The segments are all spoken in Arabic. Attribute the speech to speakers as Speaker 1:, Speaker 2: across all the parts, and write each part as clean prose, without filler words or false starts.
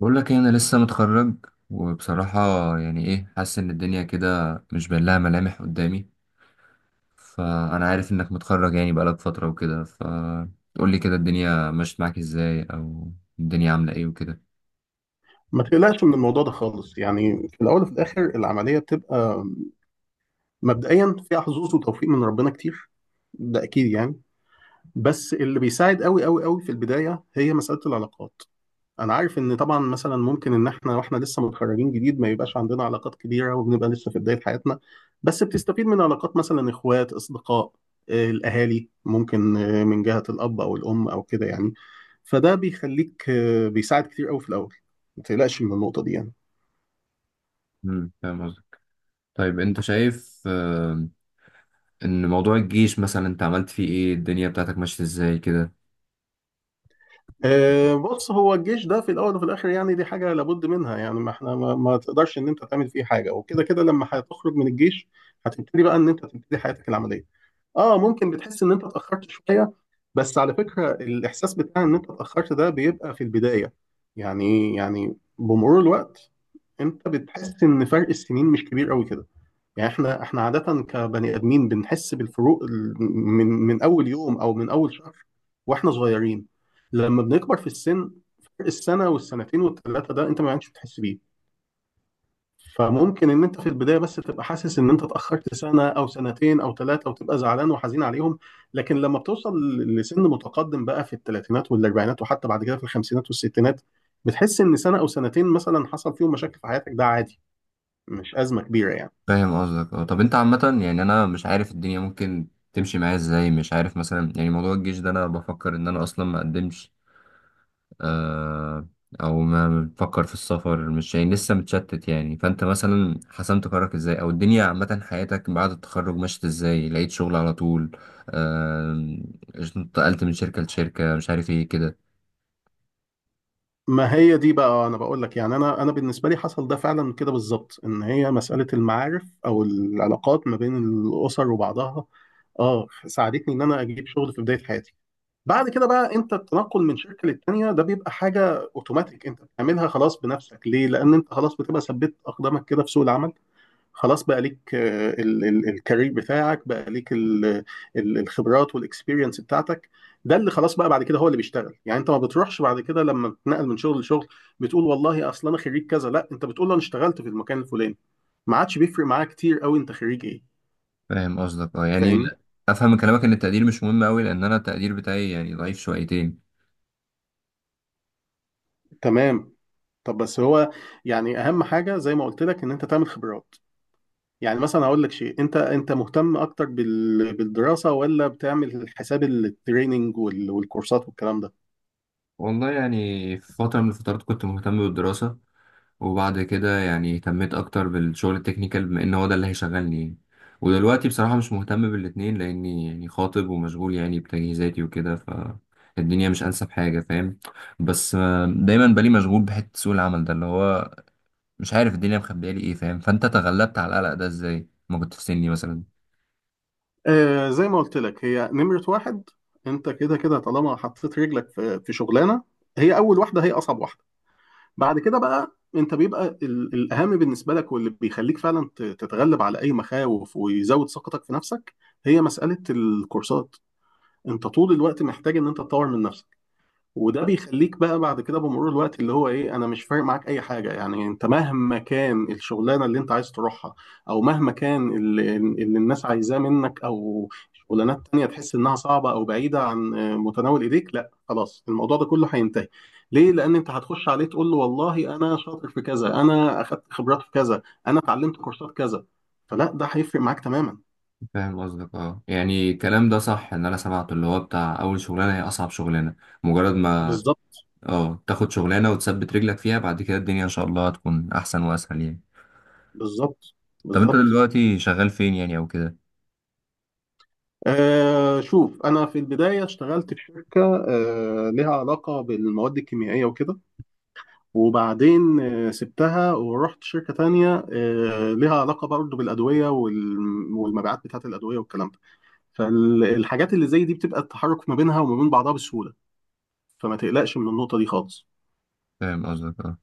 Speaker 1: بقول لك إيه، انا لسه متخرج وبصراحة يعني ايه، حاسس ان الدنيا كده مش باين لها ملامح قدامي. فانا عارف انك متخرج يعني بقالك فترة وكده، فتقول لي كده الدنيا مشت معاك ازاي او الدنيا عاملة ايه وكده.
Speaker 2: ما تقلقش من الموضوع ده خالص، يعني في الاول وفي الاخر العمليه بتبقى مبدئيا فيها حظوظ وتوفيق من ربنا كتير، ده اكيد يعني. بس اللي بيساعد قوي قوي قوي في البدايه هي مساله العلاقات. انا عارف ان طبعا مثلا ممكن ان احنا واحنا لسه متخرجين جديد ما يبقاش عندنا علاقات كبيره وبنبقى لسه في بدايه حياتنا، بس بتستفيد من علاقات مثلا اخوات، اصدقاء، الاهالي، ممكن من جهه الاب او الام او كده يعني. فده بيخليك بيساعد كتير قوي في الاول. ما تقلقش من النقطه دي يعني.
Speaker 1: فاهم قصدك. طيب انت شايف ان موضوع الجيش مثلا انت عملت فيه ايه، الدنيا بتاعتك ماشية ازاي كده؟
Speaker 2: بص، هو الجيش ده في الاول وفي الاخر يعني دي حاجه لابد منها، يعني ما احنا ما تقدرش ان انت تعمل فيه حاجه، وكده كده لما هتخرج من الجيش هتبتدي بقى ان انت تبتدي حياتك العمليه. اه ممكن بتحس ان انت اتاخرت شويه، بس على فكره الاحساس بتاع ان انت اتاخرت ده بيبقى في البدايه. يعني بمرور الوقت انت بتحس ان فرق السنين مش كبير قوي كده. يعني احنا عادة كبني ادمين بنحس بالفروق من اول يوم او من اول شهر واحنا صغيرين. لما بنكبر في السن فرق السنة والسنتين والثلاثة ده انت ما عادش بتحس بيه. فممكن ان انت في البداية بس تبقى حاسس ان انت اتأخرت سنة او سنتين او ثلاثة وتبقى زعلان وحزين عليهم، لكن لما بتوصل لسن متقدم بقى في الثلاثينات والاربعينات وحتى بعد كده في الخمسينات والستينات بتحس ان سنة او سنتين مثلا حصل فيهم مشاكل في حياتك ده عادي، مش أزمة كبيرة يعني.
Speaker 1: فاهم قصدك. اه طب انت عامة يعني انا مش عارف الدنيا ممكن تمشي معايا ازاي، مش عارف مثلا، يعني موضوع الجيش ده انا بفكر ان انا اصلا ما اقدمش، آه، او ما بتفكر في السفر، مش يعني لسه متشتت. يعني فانت مثلا حسمت قرارك ازاي؟ او الدنيا عامة حياتك بعد التخرج مشيت ازاي؟ لقيت شغل على طول؟ آه، انتقلت من شركة لشركة، مش عارف ايه كده.
Speaker 2: ما هي دي بقى، انا بقول لك يعني انا بالنسبه لي حصل ده فعلا كده بالظبط، ان هي مساله المعارف او العلاقات ما بين الاسر وبعضها اه ساعدتني ان انا اجيب شغل في بدايه حياتي. بعد كده بقى انت التنقل من شركه للتانيه ده بيبقى حاجه اوتوماتيك انت بتعملها خلاص بنفسك، ليه؟ لان انت خلاص بتبقى ثبت اقدامك كده في سوق العمل. خلاص بقى ليك الكارير بتاعك، بقى ليك الخبرات والاكسبيرينس بتاعتك. ده اللي خلاص بقى بعد كده هو اللي بيشتغل، يعني انت ما بتروحش بعد كده لما بتنقل من شغل لشغل بتقول والله اصل انا خريج كذا، لا، انت بتقول انا اشتغلت في المكان الفلاني. ما عادش بيفرق معاه كتير قوي انت خريج ايه.
Speaker 1: فاهم قصدك اه. يعني
Speaker 2: فاهمني؟
Speaker 1: افهم من كلامك ان التقدير مش مهم قوي، لان انا التقدير بتاعي يعني ضعيف شويتين.
Speaker 2: تمام. طب بس هو يعني اهم حاجه زي ما قلت لك ان انت تعمل خبرات. يعني مثلا هقول لك شيء، انت مهتم اكتر بالدراسه ولا بتعمل حساب التريننج والكورسات والكلام ده؟
Speaker 1: والله يعني في فترة من الفترات كنت مهتم بالدراسة، وبعد كده يعني اهتميت اكتر بالشغل التكنيكال، بما ان هو ده اللي هيشغلني يعني. ودلوقتي بصراحة مش مهتم بالاتنين، لاني يعني خاطب ومشغول يعني بتجهيزاتي وكده، فالدنيا مش انسب حاجة، فاهم؟ بس دايما بالي مشغول بحتة سوق العمل، ده اللي هو مش عارف الدنيا مخبية لي ايه، فاهم؟ فانت تغلبت على القلق ده ازاي ما كنت في سني مثلا؟
Speaker 2: زي ما قلت لك، هي نمرة واحد، انت كده كده طالما حطيت رجلك في شغلانة، هي أول واحدة هي أصعب واحدة. بعد كده بقى انت بيبقى الأهم بالنسبة لك واللي بيخليك فعلا تتغلب على أي مخاوف ويزود ثقتك في نفسك هي مسألة الكورسات. انت طول الوقت محتاج ان انت تطور من نفسك، وده بيخليك بقى بعد كده بمرور الوقت اللي هو ايه، انا مش فارق معاك اي حاجه يعني، انت مهما كان الشغلانه اللي انت عايز تروحها او مهما كان اللي الناس عايزاه منك او شغلانات تانية تحس انها صعبه او بعيده عن متناول ايديك، لا، خلاص الموضوع ده كله هينتهي. ليه؟ لان انت هتخش عليه تقول له والله انا شاطر في كذا، انا اخدت خبرات في كذا، انا اتعلمت كورسات كذا. فلا، ده هيفرق معاك تماما.
Speaker 1: فاهم قصدك اه. يعني الكلام ده صح، ان انا سمعته اللي هو بتاع اول شغلانه هي اصعب شغلانه. مجرد ما
Speaker 2: بالظبط.
Speaker 1: اه تاخد شغلانة وتثبت رجلك فيها، بعد كده الدنيا ان شاء الله هتكون احسن واسهل يعني.
Speaker 2: بالظبط.
Speaker 1: طب انت
Speaker 2: بالظبط.
Speaker 1: دلوقتي شغال فين يعني او كده؟
Speaker 2: شوف، أنا في البداية اشتغلت في شركة لها علاقة بالمواد الكيميائية وكده، وبعدين سبتها ورحت شركة تانية لها علاقة برضه بالأدوية والمبيعات بتاعة الأدوية والكلام ده. فالحاجات اللي زي دي بتبقى التحرك ما بينها وما بين بعضها بسهولة، فما تقلقش من النقطة دي خالص.
Speaker 1: فاهم قصدك اه.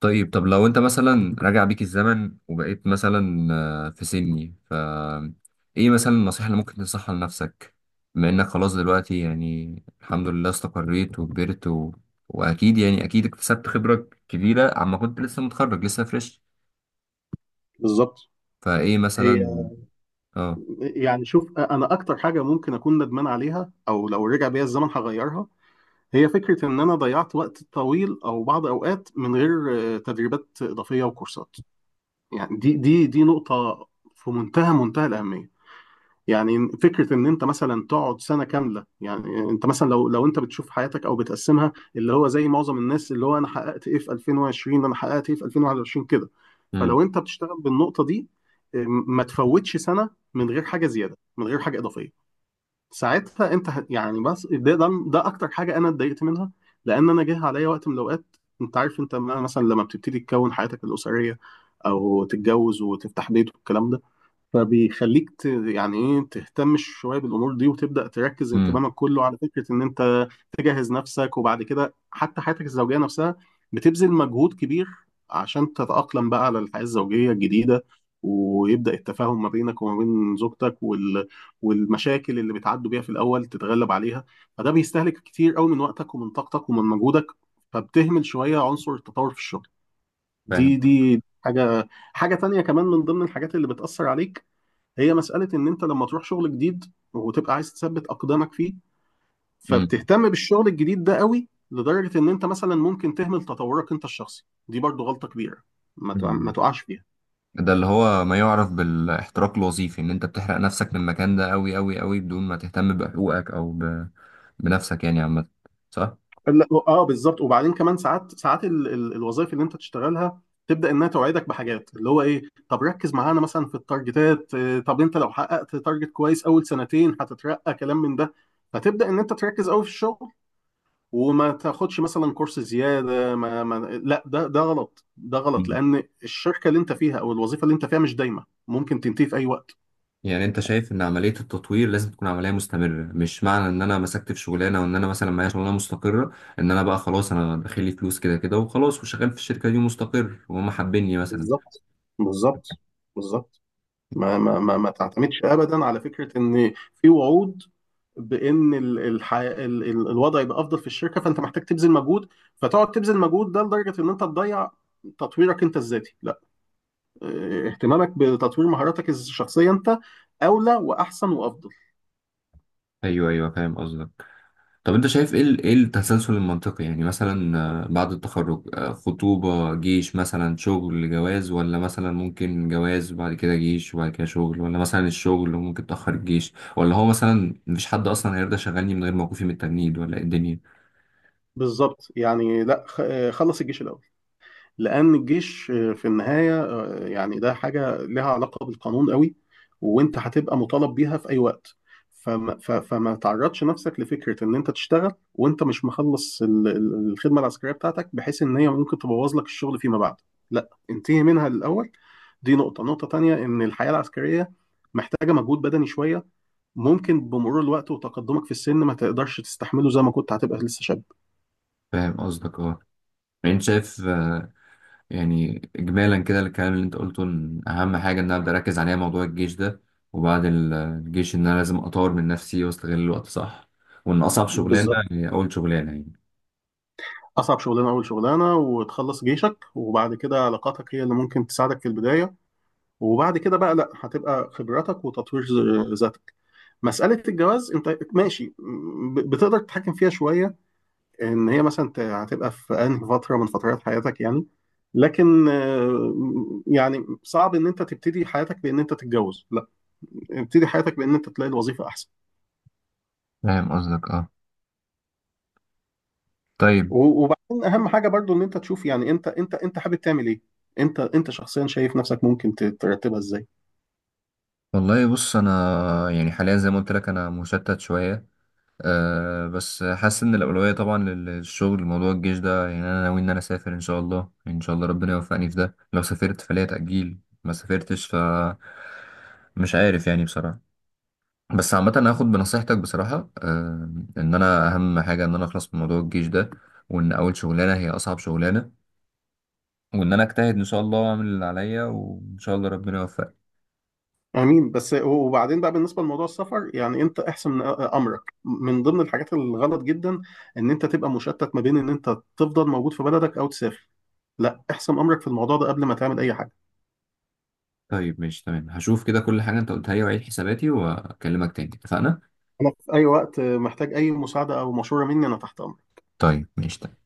Speaker 1: طيب طب لو انت مثلا راجع بيك الزمن وبقيت مثلا في سني، ف ايه مثلا النصيحة اللي ممكن تنصحها لنفسك؟ بما انك خلاص دلوقتي يعني الحمد لله استقريت وكبرت و... واكيد يعني اكيد اكتسبت خبرة كبيرة عما كنت لسه متخرج لسه فريش.
Speaker 2: بالظبط.
Speaker 1: فايه
Speaker 2: هي
Speaker 1: مثلا؟ اه.
Speaker 2: يعني شوف، أنا أكتر حاجة ممكن أكون ندمان عليها أو لو رجع بيا الزمن هغيرها هي فكرة إن أنا ضيعت وقت طويل أو بعض أوقات من غير تدريبات إضافية وكورسات. يعني دي نقطة في منتهى منتهى الأهمية. يعني فكرة إن أنت مثلا تقعد سنة كاملة، يعني أنت مثلا لو أنت بتشوف حياتك أو بتقسمها اللي هو زي معظم الناس اللي هو أنا حققت إيه في 2020، أنا حققت إيه في 2021 كده.
Speaker 1: امم
Speaker 2: فلو أنت بتشتغل بالنقطة دي ما تفوتش سنة من غير حاجة زيادة من غير حاجة إضافية. ساعتها انت يعني بس ده اكتر حاجه انا اتضايقت منها. لان انا جه عليا وقت من الاوقات، انت عارف، انت مثلا لما بتبتدي تكون حياتك الاسريه او تتجوز وتفتح بيت والكلام ده فبيخليك يعني ايه تهتم شويه بالامور دي وتبدا تركز
Speaker 1: امم
Speaker 2: انتباهك كله على فكره ان انت تجهز نفسك، وبعد كده حتى حياتك الزوجيه نفسها بتبذل مجهود كبير عشان تتاقلم بقى على الحياه الزوجيه الجديده، ويبدا التفاهم ما بينك وما بين زوجتك والمشاكل اللي بتعدوا بيها في الاول تتغلب عليها، فده بيستهلك كتير قوي من وقتك ومن طاقتك ومن مجهودك، فبتهمل شويه عنصر التطور في الشغل.
Speaker 1: فاهم.
Speaker 2: دي حاجه. حاجه تانية كمان من ضمن الحاجات اللي بتاثر عليك هي مسألة إن أنت لما تروح شغل جديد وتبقى عايز تثبت أقدامك فيه فبتهتم بالشغل الجديد ده قوي لدرجة إن أنت مثلا ممكن تهمل تطورك أنت الشخصي. دي برضو غلطة كبيرة ما
Speaker 1: مم.
Speaker 2: تقعش فيها.
Speaker 1: ده اللي هو ما يعرف بالاحتراق الوظيفي، ان انت بتحرق نفسك من المكان ده قوي قوي قوي بدون ما تهتم بحقوقك او ب... بنفسك يعني عامة، صح؟
Speaker 2: لا، اه، بالظبط. وبعدين كمان ساعات الوظائف اللي انت تشتغلها تبدا انها توعدك بحاجات، اللي هو ايه، طب ركز معانا مثلا في التارجتات، طب انت لو حققت تارجت كويس اول سنتين هتترقى، كلام من ده. فتبدا ان انت تركز قوي في الشغل وما تاخدش مثلا كورس زياده، ما, ما لا، ده غلط، ده غلط،
Speaker 1: مم.
Speaker 2: لان الشركه اللي انت فيها او الوظيفه اللي انت فيها مش دايمه، ممكن تنتهي في اي وقت.
Speaker 1: يعني انت شايف ان عملية التطوير لازم تكون عملية مستمرة، مش معنى ان انا مسكت في شغلانة وان انا مثلا معايا شغلانة مستقرة، ان انا بقى خلاص انا داخل لي فلوس كده كده وخلاص وشغال في الشركة دي مستقر وهم حابيني مثلا.
Speaker 2: بالظبط. بالظبط. بالظبط. ما تعتمدش ابدا على فكره ان في وعود بان الوضع يبقى افضل في الشركه، فانت محتاج تبذل مجهود، فتقعد تبذل مجهود ده لدرجه ان انت تضيع تطويرك انت الذاتي. لا، اه، اهتمامك بتطوير مهاراتك الشخصيه انت اولى واحسن وافضل.
Speaker 1: ايوه ايوه فاهم قصدك. طب انت شايف ايه ايه التسلسل المنطقي يعني؟ مثلا بعد التخرج خطوبة، جيش مثلا، شغل، جواز؟ ولا مثلا ممكن جواز وبعد كده جيش وبعد كده شغل؟ ولا مثلا الشغل وممكن تأخر الجيش؟ ولا هو مثلا مفيش حد اصلا هيرضى يشغلني من غير موقفي من التجنيد؟ ولا ايه الدنيا؟
Speaker 2: بالظبط يعني. لا، خلص الجيش الاول، لان الجيش في النهايه يعني ده حاجه لها علاقه بالقانون قوي، وانت هتبقى مطالب بيها في اي وقت. فما تعرضش نفسك لفكره ان انت تشتغل وانت مش مخلص الخدمه العسكريه بتاعتك بحيث ان هي ممكن تبوظ لك الشغل فيما بعد، لا، انتهي منها الاول. دي نقطه تانية ان الحياه العسكريه محتاجه مجهود بدني شويه ممكن بمرور الوقت وتقدمك في السن ما تقدرش تستحمله زي ما كنت هتبقى لسه شاب.
Speaker 1: فاهم قصدك اه. يعني انت شايف يعني اجمالا كده الكلام اللي انت قلته، ان اهم حاجة ان انا ابدا اركز عليها موضوع الجيش ده، وبعد الجيش ان انا لازم اطور من نفسي واستغل الوقت، صح؟ وان اصعب شغلانة
Speaker 2: بالظبط.
Speaker 1: هي اول شغلانة يعني.
Speaker 2: أصعب شغلانة أول شغلانة، وتخلص جيشك، وبعد كده علاقاتك هي اللي ممكن تساعدك في البداية، وبعد كده بقى لأ هتبقى خبراتك وتطوير ذاتك. مسألة الجواز أنت ماشي، بتقدر تتحكم فيها شوية، إن هي مثلا هتبقى في أنهي فترة من فترات حياتك يعني. لكن يعني صعب ان انت تبتدي حياتك بان انت تتجوز، لا، ابتدي حياتك بان انت تلاقي الوظيفه احسن.
Speaker 1: فاهم قصدك اه. طيب.
Speaker 2: وبعدين اهم حاجه برضو ان انت تشوف، يعني انت حابب تعمل ايه، انت شخصيا شايف نفسك ممكن ترتبها ازاي.
Speaker 1: والله بص انا يعني حاليا زي ما قلت لك انا مشتت شويه. أه بس حاسس ان الاولويه طبعا للشغل. موضوع الجيش ده يعني انا ناوي ان انا اسافر ان شاء الله، ان شاء الله ربنا يوفقني في ده. لو سافرت فليا تاجيل، ما سافرتش ف مش عارف يعني بصراحه. بس عامه أنا هاخد بنصيحتك بصراحه، أه، ان انا اهم حاجه ان انا اخلص من موضوع الجيش ده، وان اول شغلانه هي اصعب شغلانه، وان انا اجتهد ان شاء الله واعمل اللي عليا وان شاء الله ربنا يوفقني.
Speaker 2: امين. بس وبعدين بقى بالنسبه لموضوع السفر، يعني انت احسم امرك. من ضمن الحاجات الغلط جدا ان انت تبقى مشتت ما بين ان انت تفضل موجود في بلدك او تسافر، لا، احسم امرك في الموضوع ده قبل ما تعمل اي حاجه.
Speaker 1: طيب ماشي تمام، هشوف كده كل حاجة انت قلتها لي وعيد حساباتي واكلمك تاني، اتفقنا؟
Speaker 2: انا في اي وقت محتاج اي مساعده او مشوره مني انا تحت امرك.
Speaker 1: طيب ماشي تمام.